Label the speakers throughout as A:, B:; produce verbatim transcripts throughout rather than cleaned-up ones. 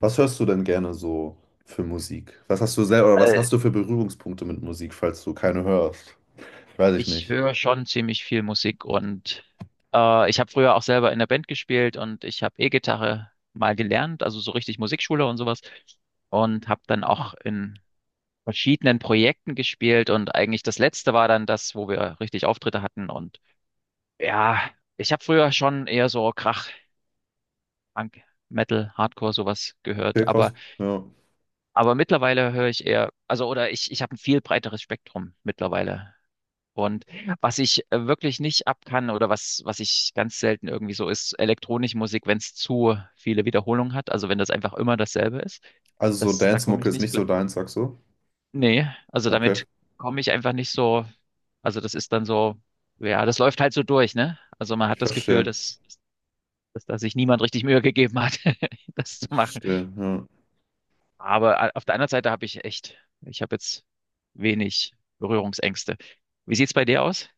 A: Was hörst du denn gerne so für Musik? Was hast du selber oder was
B: Weil
A: hast du für Berührungspunkte mit Musik, falls du keine hörst? Weiß ich
B: ich
A: nicht.
B: höre schon ziemlich viel Musik und äh, ich habe früher auch selber in der Band gespielt und ich habe E-Gitarre mal gelernt, also so richtig Musikschule und sowas und habe dann auch in verschiedenen Projekten gespielt und eigentlich das letzte war dann das, wo wir richtig Auftritte hatten und ja, ich habe früher schon eher so Krach, Punk, Metal, Hardcore sowas
A: Okay,
B: gehört,
A: krass.
B: aber
A: Ja.
B: aber mittlerweile höre ich eher, also oder ich ich habe ein viel breiteres Spektrum mittlerweile. Und was ich äh, wirklich nicht ab kann oder was, was ich ganz selten irgendwie so ist, elektronische Musik, wenn es zu viele Wiederholungen hat, also wenn das einfach immer dasselbe ist,
A: Also so
B: das, da komme
A: Dance-Mucke
B: ich
A: ist
B: nicht
A: nicht
B: klar.
A: so deins, sagst du?
B: Nee, also
A: Okay,
B: damit komme ich einfach nicht so, also das ist dann so, ja, das läuft halt so durch, ne? Also man
A: ich
B: hat das Gefühl,
A: verstehe.
B: dass, dass da sich niemand richtig Mühe gegeben hat, das zu
A: Ich
B: machen.
A: verstehe. Ja.
B: Aber a- auf der anderen Seite habe ich echt, ich habe jetzt wenig Berührungsängste. Wie sieht's bei dir aus?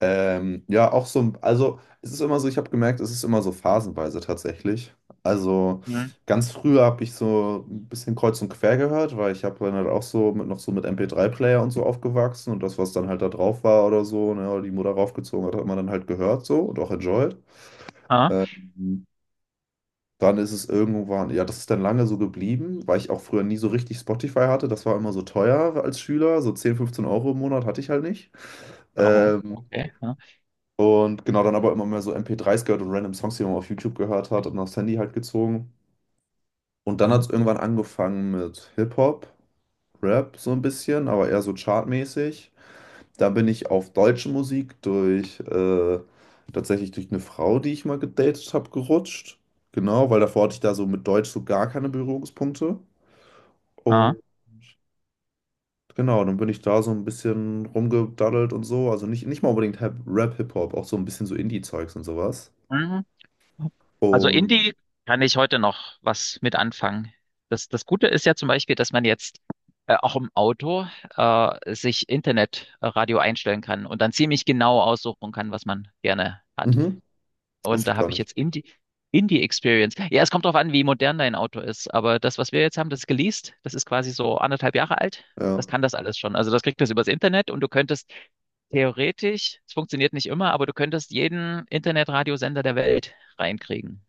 A: Ähm, ja, auch so, ein- also es ist immer so, ich habe gemerkt, es ist immer so phasenweise tatsächlich. Also
B: Mhm.
A: ganz früher habe ich so ein bisschen kreuz und quer gehört, weil ich habe dann halt auch so mit, noch so mit M P drei Player und so aufgewachsen und das, was dann halt da drauf war oder so, ne, oder die Mutter raufgezogen hat, hat man dann halt gehört so und auch enjoyed. Ähm, dann ist es irgendwann, ja, das ist dann lange so geblieben, weil ich auch früher nie so richtig Spotify hatte. Das war immer so teuer als Schüler, so zehn, fünfzehn Euro im Monat hatte ich halt nicht.
B: Oh,
A: Ähm,
B: okay. Ja,
A: und genau, dann aber immer mehr so M P dreis gehört und random Songs, die man auf YouTube gehört hat und aufs Handy halt gezogen. Und dann hat
B: ja,
A: es irgendwann angefangen mit Hip-Hop, Rap so ein bisschen, aber eher so chartmäßig. Da bin ich auf deutsche Musik durch, äh, tatsächlich durch eine Frau, die ich mal gedatet habe, gerutscht. Genau, weil davor hatte ich da so mit Deutsch so gar keine Berührungspunkte.
B: ja.
A: Und genau, dann bin ich da so ein bisschen rumgedaddelt und so. Also nicht, nicht mal unbedingt Hip- Rap, Hip-Hop, auch so ein bisschen so Indie-Zeugs und sowas.
B: Mhm. Also
A: Und
B: Indie kann ich heute noch was mit anfangen. Das, das Gute ist ja zum Beispiel, dass man jetzt äh, auch im Auto äh, sich Internetradio einstellen kann und dann ziemlich genau aussuchen kann, was man gerne hat.
A: mhm,
B: Und
A: wusste ich
B: da
A: gar
B: habe ich
A: nicht.
B: jetzt Indie, Indie Experience. Ja, es kommt drauf an, wie modern dein Auto ist. Aber das, was wir jetzt haben, das ist geleast. Das ist quasi so anderthalb Jahre alt. Das
A: Ja,
B: kann das alles schon. Also das kriegt das übers Internet und du könntest theoretisch, es funktioniert nicht immer, aber du könntest jeden Internetradiosender der Welt reinkriegen.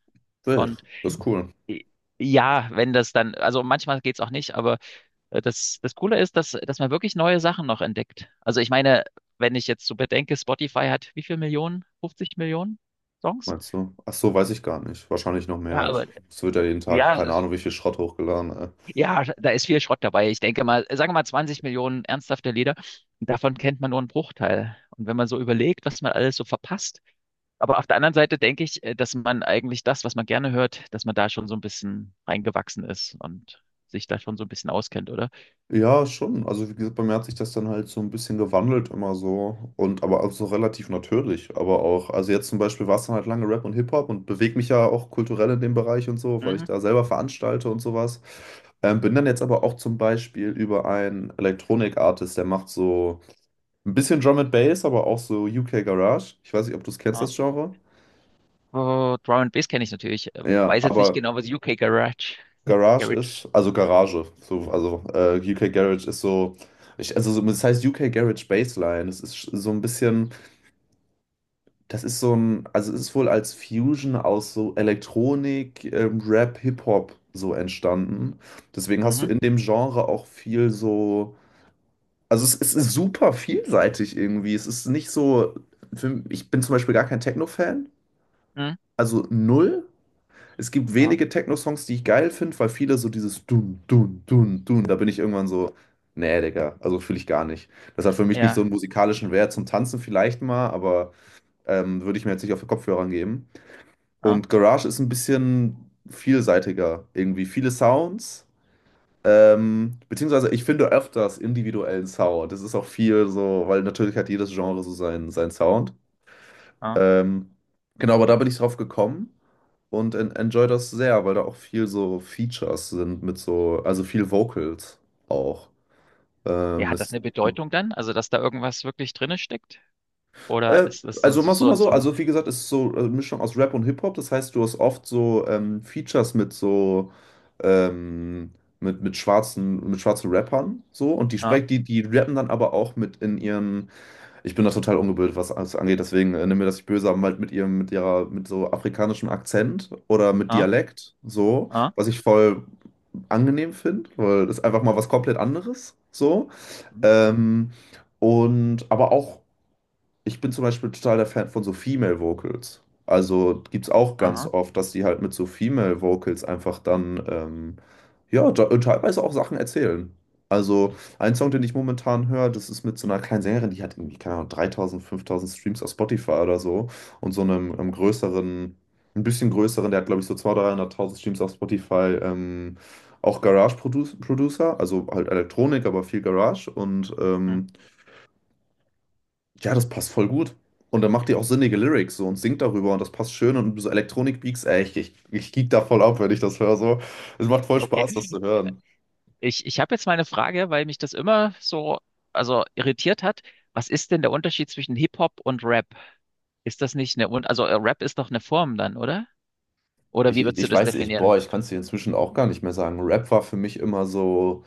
A: wild.
B: Und
A: Das ist cool,
B: i- ja, wenn das dann, also manchmal geht's auch nicht, aber äh, das, das Coole ist, dass, dass man wirklich neue Sachen noch entdeckt. Also ich meine, wenn ich jetzt so bedenke, Spotify hat wie viel Millionen? fünfzig Millionen Songs?
A: meinst du? Ach so, weiß ich gar nicht. Wahrscheinlich noch
B: Ja,
A: mehr. Ich,
B: aber
A: es wird ja jeden Tag,
B: Ja,
A: keine
B: es-
A: Ahnung, wie viel Schrott hochgeladen. Ey.
B: ja, da ist viel Schrott dabei. Ich denke mal, sagen wir mal zwanzig Millionen ernsthafte Lieder, davon kennt man nur einen Bruchteil. Und wenn man so überlegt, was man alles so verpasst, aber auf der anderen Seite denke ich, äh, dass man eigentlich das, was man gerne hört, dass man da schon so ein bisschen reingewachsen ist und sich da schon so ein bisschen auskennt, oder?
A: Ja, schon. Also, wie gesagt, bei mir hat sich das dann halt so ein bisschen gewandelt immer so. Und aber auch so relativ natürlich. Aber auch, also jetzt zum Beispiel war es dann halt lange Rap und Hip-Hop und bewege mich ja auch kulturell in dem Bereich und so, weil ich
B: Mhm.
A: da selber veranstalte und sowas. Ähm, bin dann jetzt aber auch zum Beispiel über einen Elektronik-Artist, der macht so. Ein bisschen Drum and Bass, aber auch so U K Garage. Ich weiß nicht, ob du es kennst,
B: Ja.
A: das Genre.
B: Oh, Drum and Bass kenne ich natürlich. Äh,
A: Ja,
B: Weiß jetzt nicht
A: aber
B: genau, was U K Garage,
A: Garage
B: Garage.
A: ist, also Garage, so, also äh, U K Garage ist so, ich, also so- das heißt U K Garage Bassline. Das ist sch- so ein bisschen, das ist so ein, also es ist wohl als Fusion aus so Elektronik, ähm, Rap, Hip-Hop so entstanden. Deswegen hast du
B: Mhm.
A: in dem Genre auch viel so, also es, es ist super vielseitig irgendwie. Es ist nicht so, für, ich bin zum Beispiel gar kein Techno-Fan,
B: Mhm.
A: also null. Es gibt
B: Ja,
A: wenige Techno-Songs, die ich geil finde, weil viele so dieses Dun, Dun, Dun, Dun, da bin ich irgendwann so, nee, Digga, also fühle ich gar nicht. Das hat für mich nicht so
B: ja,
A: einen musikalischen Wert zum Tanzen vielleicht mal, aber ähm, würde ich mir jetzt nicht auf den Kopfhörer geben.
B: ja.
A: Und Garage ist ein bisschen vielseitiger, irgendwie viele Sounds. Ähm, beziehungsweise ich finde öfters individuellen Sound. Das ist auch viel so, weil natürlich hat jedes Genre so seinen, seinen Sound.
B: Ja.
A: Ähm, genau, aber da bin ich drauf gekommen und en enjoy das sehr, weil da auch viel so Features sind mit so, also viel Vocals auch.
B: Ja,
A: Ähm,
B: hat das
A: es,
B: eine Bedeutung dann? Also, dass da irgendwas wirklich drinne steckt? Oder
A: äh,
B: ist es so,
A: also
B: so,
A: mal so,
B: so,
A: mal
B: ein-
A: so,
B: so ein.
A: also wie gesagt, es ist so eine Mischung aus Rap und Hip-Hop, das heißt, du hast oft so ähm, Features mit so, ähm, mit, mit schwarzen, mit schwarzen Rappern so und die
B: Ah,
A: sprechen, die, die rappen dann aber auch mit in ihren, ich bin da total ungebildet, was das angeht, deswegen äh, nimm mir das nicht böse, aber halt mit ihrem, mit ihrer, mit so afrikanischem Akzent oder mit
B: ah,
A: Dialekt, so.
B: ah,
A: Was ich voll angenehm finde, weil das ist einfach mal was komplett anderes so.
B: hm,
A: Ähm, und aber auch ich bin zum Beispiel total der Fan von so Female Vocals. Also gibt es auch ganz
B: aha,
A: oft, dass die halt mit so Female Vocals einfach dann, ähm, ja, da- und teilweise auch Sachen erzählen. Also ein Song, den ich momentan höre, das ist mit so einer kleinen Sängerin, die hat irgendwie, keine Ahnung, dreitausend, fünftausend Streams auf Spotify oder so und so einem, einem größeren, ein bisschen größeren, der hat glaube ich so zweihunderttausend, dreihunderttausend Streams auf Spotify, ähm, auch Garage Produ Producer, also halt Elektronik, aber viel Garage und
B: hm,
A: ähm, ja, das passt voll gut. Und dann macht die auch sinnige Lyrics so und singt darüber und das passt schön und so Elektronik-Beats, ey, ich, ich, ich geek da voll ab, wenn ich das höre so. Es macht voll Spaß, das
B: okay.
A: zu hören.
B: Ich, ich habe jetzt meine Frage, weil mich das immer so, also irritiert hat. Was ist denn der Unterschied zwischen Hip-Hop und Rap? Ist das nicht eine, Un- also äh, Rap ist doch eine Form dann, oder? Oder
A: Ich,
B: wie
A: ich
B: würdest du
A: ich
B: das
A: weiß, ich, boah,
B: definieren?
A: ich kann es dir inzwischen auch gar nicht mehr sagen. Rap war für mich immer so,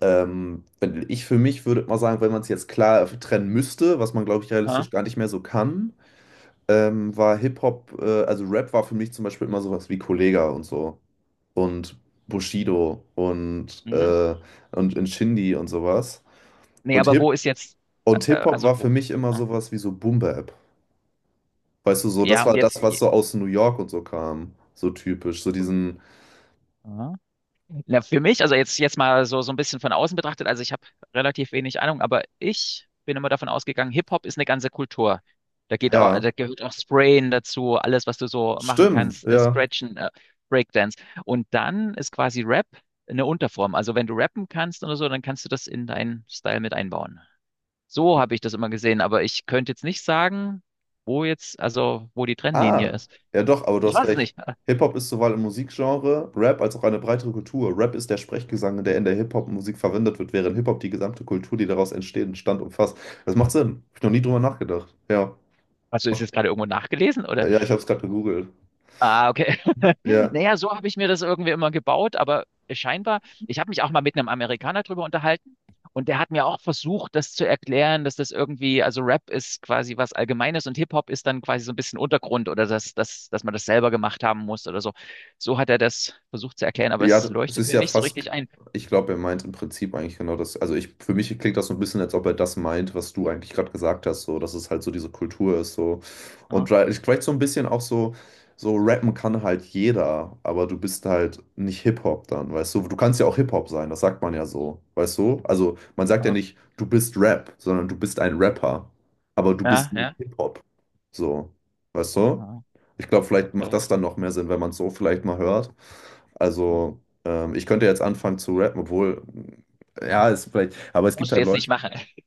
A: ähm, wenn ich für mich würde mal sagen, wenn man es jetzt klar trennen müsste, was man, glaube ich,
B: Ah,
A: realistisch gar nicht mehr so kann, ähm, war Hip-Hop, äh, also Rap war für mich zum Beispiel immer sowas wie Kollega und so und Bushido und,
B: mhm.
A: äh, und Nshindy und sowas.
B: Nee,
A: Und
B: aber
A: Hip
B: wo ist jetzt, äh,
A: und
B: äh,
A: Hip-Hop
B: also
A: war für
B: wo?
A: mich immer
B: Ah,
A: sowas wie so Boom-Bap. Weißt du, so, das
B: ja, und
A: war
B: jetzt.
A: das, was so aus New York und so kam. So typisch. So diesen,
B: Ja. Na, für mich, also jetzt, jetzt mal so, so ein bisschen von außen betrachtet, also ich habe relativ wenig Ahnung, aber ich bin immer davon ausgegangen, Hip-Hop ist eine ganze Kultur. Da geht auch,
A: ja,
B: da gehört auch Sprayen dazu, alles, was du so machen
A: stimmt,
B: kannst, äh,
A: ja.
B: Stretchen, äh, Breakdance. Und dann ist quasi Rap eine Unterform. Also wenn du rappen kannst oder so, dann kannst du das in deinen Style mit einbauen. So habe ich das immer gesehen, aber ich könnte jetzt nicht sagen, wo jetzt, also wo die Trennlinie
A: Ah,
B: ist.
A: ja doch, aber du
B: Ich
A: hast
B: weiß es
A: recht.
B: nicht.
A: Hip-Hop ist sowohl im Musikgenre, Rap als auch eine breitere Kultur. Rap ist der Sprechgesang, der in der Hip-Hop-Musik verwendet wird, während Hip-Hop die gesamte Kultur, die daraus entsteht, entstand umfasst. Das macht Sinn. Hab ich noch nie drüber nachgedacht. Ja.
B: Hast du es jetzt gerade irgendwo nachgelesen?
A: Ja, ich habe es gerade gegoogelt.
B: Ah, okay.
A: Ja.
B: Naja, so habe ich mir das irgendwie immer gebaut, aber scheinbar, ich habe mich auch mal mit einem Amerikaner drüber unterhalten und der hat mir auch versucht, das zu erklären, dass das irgendwie, also Rap ist quasi was Allgemeines und Hip-Hop ist dann quasi so ein bisschen Untergrund oder dass, dass, dass man das selber gemacht haben muss oder so. So hat er das versucht zu erklären, aber
A: Ja,
B: es
A: d- es
B: leuchtet
A: ist
B: mir
A: ja
B: nicht so
A: fast,
B: richtig ein.
A: ich glaube, er meint im Prinzip eigentlich genau das. Also ich, für mich klingt das so ein bisschen, als ob er das meint, was du eigentlich gerade gesagt hast, so, dass es halt so diese Kultur ist, so. Und
B: Ja,
A: vielleicht vielleicht so ein bisschen auch so, so rappen kann halt jeder, aber du bist halt nicht Hip-Hop dann, weißt du? Du kannst ja auch Hip-Hop sein, das sagt man ja so, weißt du? Also man sagt ja
B: ja,
A: nicht, du bist Rap, sondern du bist ein Rapper, aber du bist
B: ja,
A: nicht
B: ja,
A: Hip-Hop, so, weißt du?
B: ja,
A: Ich glaube, vielleicht macht
B: okay.
A: das dann noch mehr Sinn, wenn man es so vielleicht mal hört.
B: Ja.
A: Also, ähm, ich könnte jetzt anfangen zu rappen, obwohl, ja, ist vielleicht, aber es gibt
B: Musst du
A: halt
B: jetzt nicht
A: Leute,
B: machen.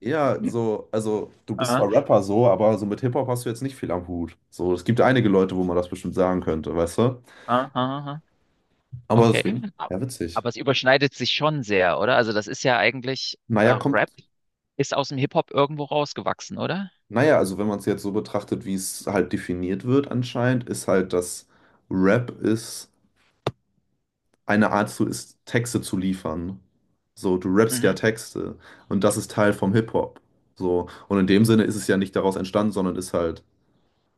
A: eher so, also du bist
B: Ja,
A: zwar Rapper so, aber so mit Hip-Hop hast du jetzt nicht viel am Hut. So, es gibt einige Leute, wo man das bestimmt sagen könnte, weißt du?
B: ja, ja, ja.
A: Aber
B: Okay.
A: deswegen,
B: Ab-
A: ja, witzig.
B: Aber es überschneidet sich schon sehr, oder? Also das ist ja eigentlich, äh,
A: Naja, kommt,
B: Rap ist aus dem Hip-Hop irgendwo rausgewachsen, oder?
A: naja, also wenn man es jetzt so betrachtet, wie es halt definiert wird anscheinend, ist halt, dass Rap ist. Eine Art zu ist, Texte zu liefern. So, du rappst ja
B: Mhm.
A: Texte und das ist Teil vom Hip-Hop. So, und in dem Sinne ist es ja nicht daraus entstanden, sondern ist halt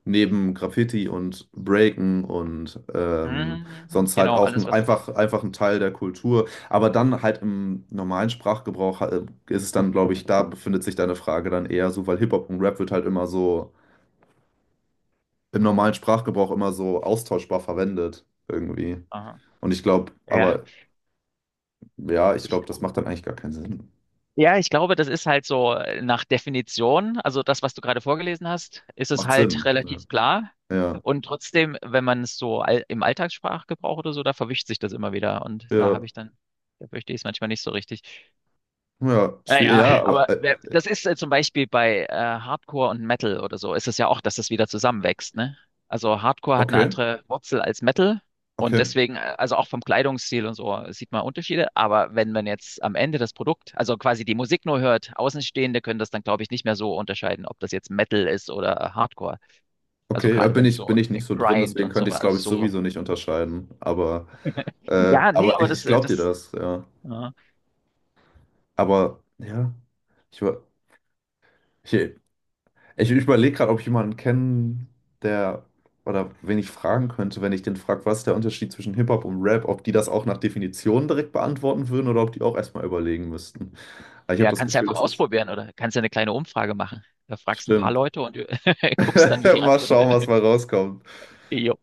A: neben Graffiti und Breaken und ähm,
B: Mhm.
A: sonst halt
B: Genau,
A: auch ein,
B: alles was.
A: einfach, einfach ein Teil der Kultur. Aber dann halt im normalen Sprachgebrauch äh, ist es dann, glaube ich, da befindet sich deine Frage dann eher so, weil Hip-Hop und Rap wird halt immer so im normalen Sprachgebrauch immer so austauschbar verwendet irgendwie.
B: Aha.
A: Und ich glaube,
B: Ja,
A: aber. Ja, ich
B: ich,
A: glaube, das macht dann eigentlich gar keinen Sinn.
B: ja, ich glaube, das ist halt so äh, nach Definition, also das, was du gerade vorgelesen hast, ist es
A: Macht
B: halt
A: Sinn. Ja,
B: relativ klar.
A: ja,
B: Und trotzdem, wenn man es so all, im Alltagssprachgebrauch oder so, da verwischt sich das immer wieder. Und da
A: ja,
B: habe ich dann, da verstehe ich es manchmal nicht so richtig.
A: ja, schwierig,
B: Naja,
A: ja, aber
B: aber
A: äh,
B: wer- das ist äh, zum Beispiel bei äh, Hardcore und Metal oder so, ist es ja auch, dass das wieder zusammenwächst, ne? Also Hardcore hat eine
A: okay,
B: andere Wurzel als Metal und
A: okay,
B: deswegen, äh, also auch vom Kleidungsstil und so, sieht man Unterschiede. Aber wenn man jetzt am Ende das Produkt, also quasi die Musik nur hört, Außenstehende können das dann, glaube ich, nicht mehr so unterscheiden, ob das jetzt Metal ist oder Hardcore. Also
A: okay, ja,
B: gerade
A: bin
B: wenn es
A: ich, bin
B: so
A: ich
B: äh,
A: nicht so drin,
B: Grind
A: deswegen
B: und so,
A: könnte ich es, glaube
B: also
A: ich,
B: so.
A: sowieso nicht unterscheiden. Aber, äh,
B: Ja, nee,
A: aber
B: aber
A: ich,
B: das,
A: ich
B: äh,
A: glaube dir
B: das.
A: das, ja.
B: Ja.
A: Aber, ja, ich, über- ich, ich überlege gerade, ob ich jemanden kenne, der, oder wen ich fragen könnte, wenn ich den frage, was ist der Unterschied zwischen Hip-Hop und Rap, ob die das auch nach Definition direkt beantworten würden oder ob die auch erstmal überlegen müssten. Aber ich habe
B: Ja,
A: das
B: kannst du
A: Gefühl,
B: einfach
A: das ist,
B: ausprobieren oder kannst du eine kleine Umfrage machen. Da fragst ein paar
A: stimmt.
B: Leute und guckst dann, wie die
A: Mal
B: Antworten
A: schauen, was
B: sind.
A: mal rauskommt.
B: Jo.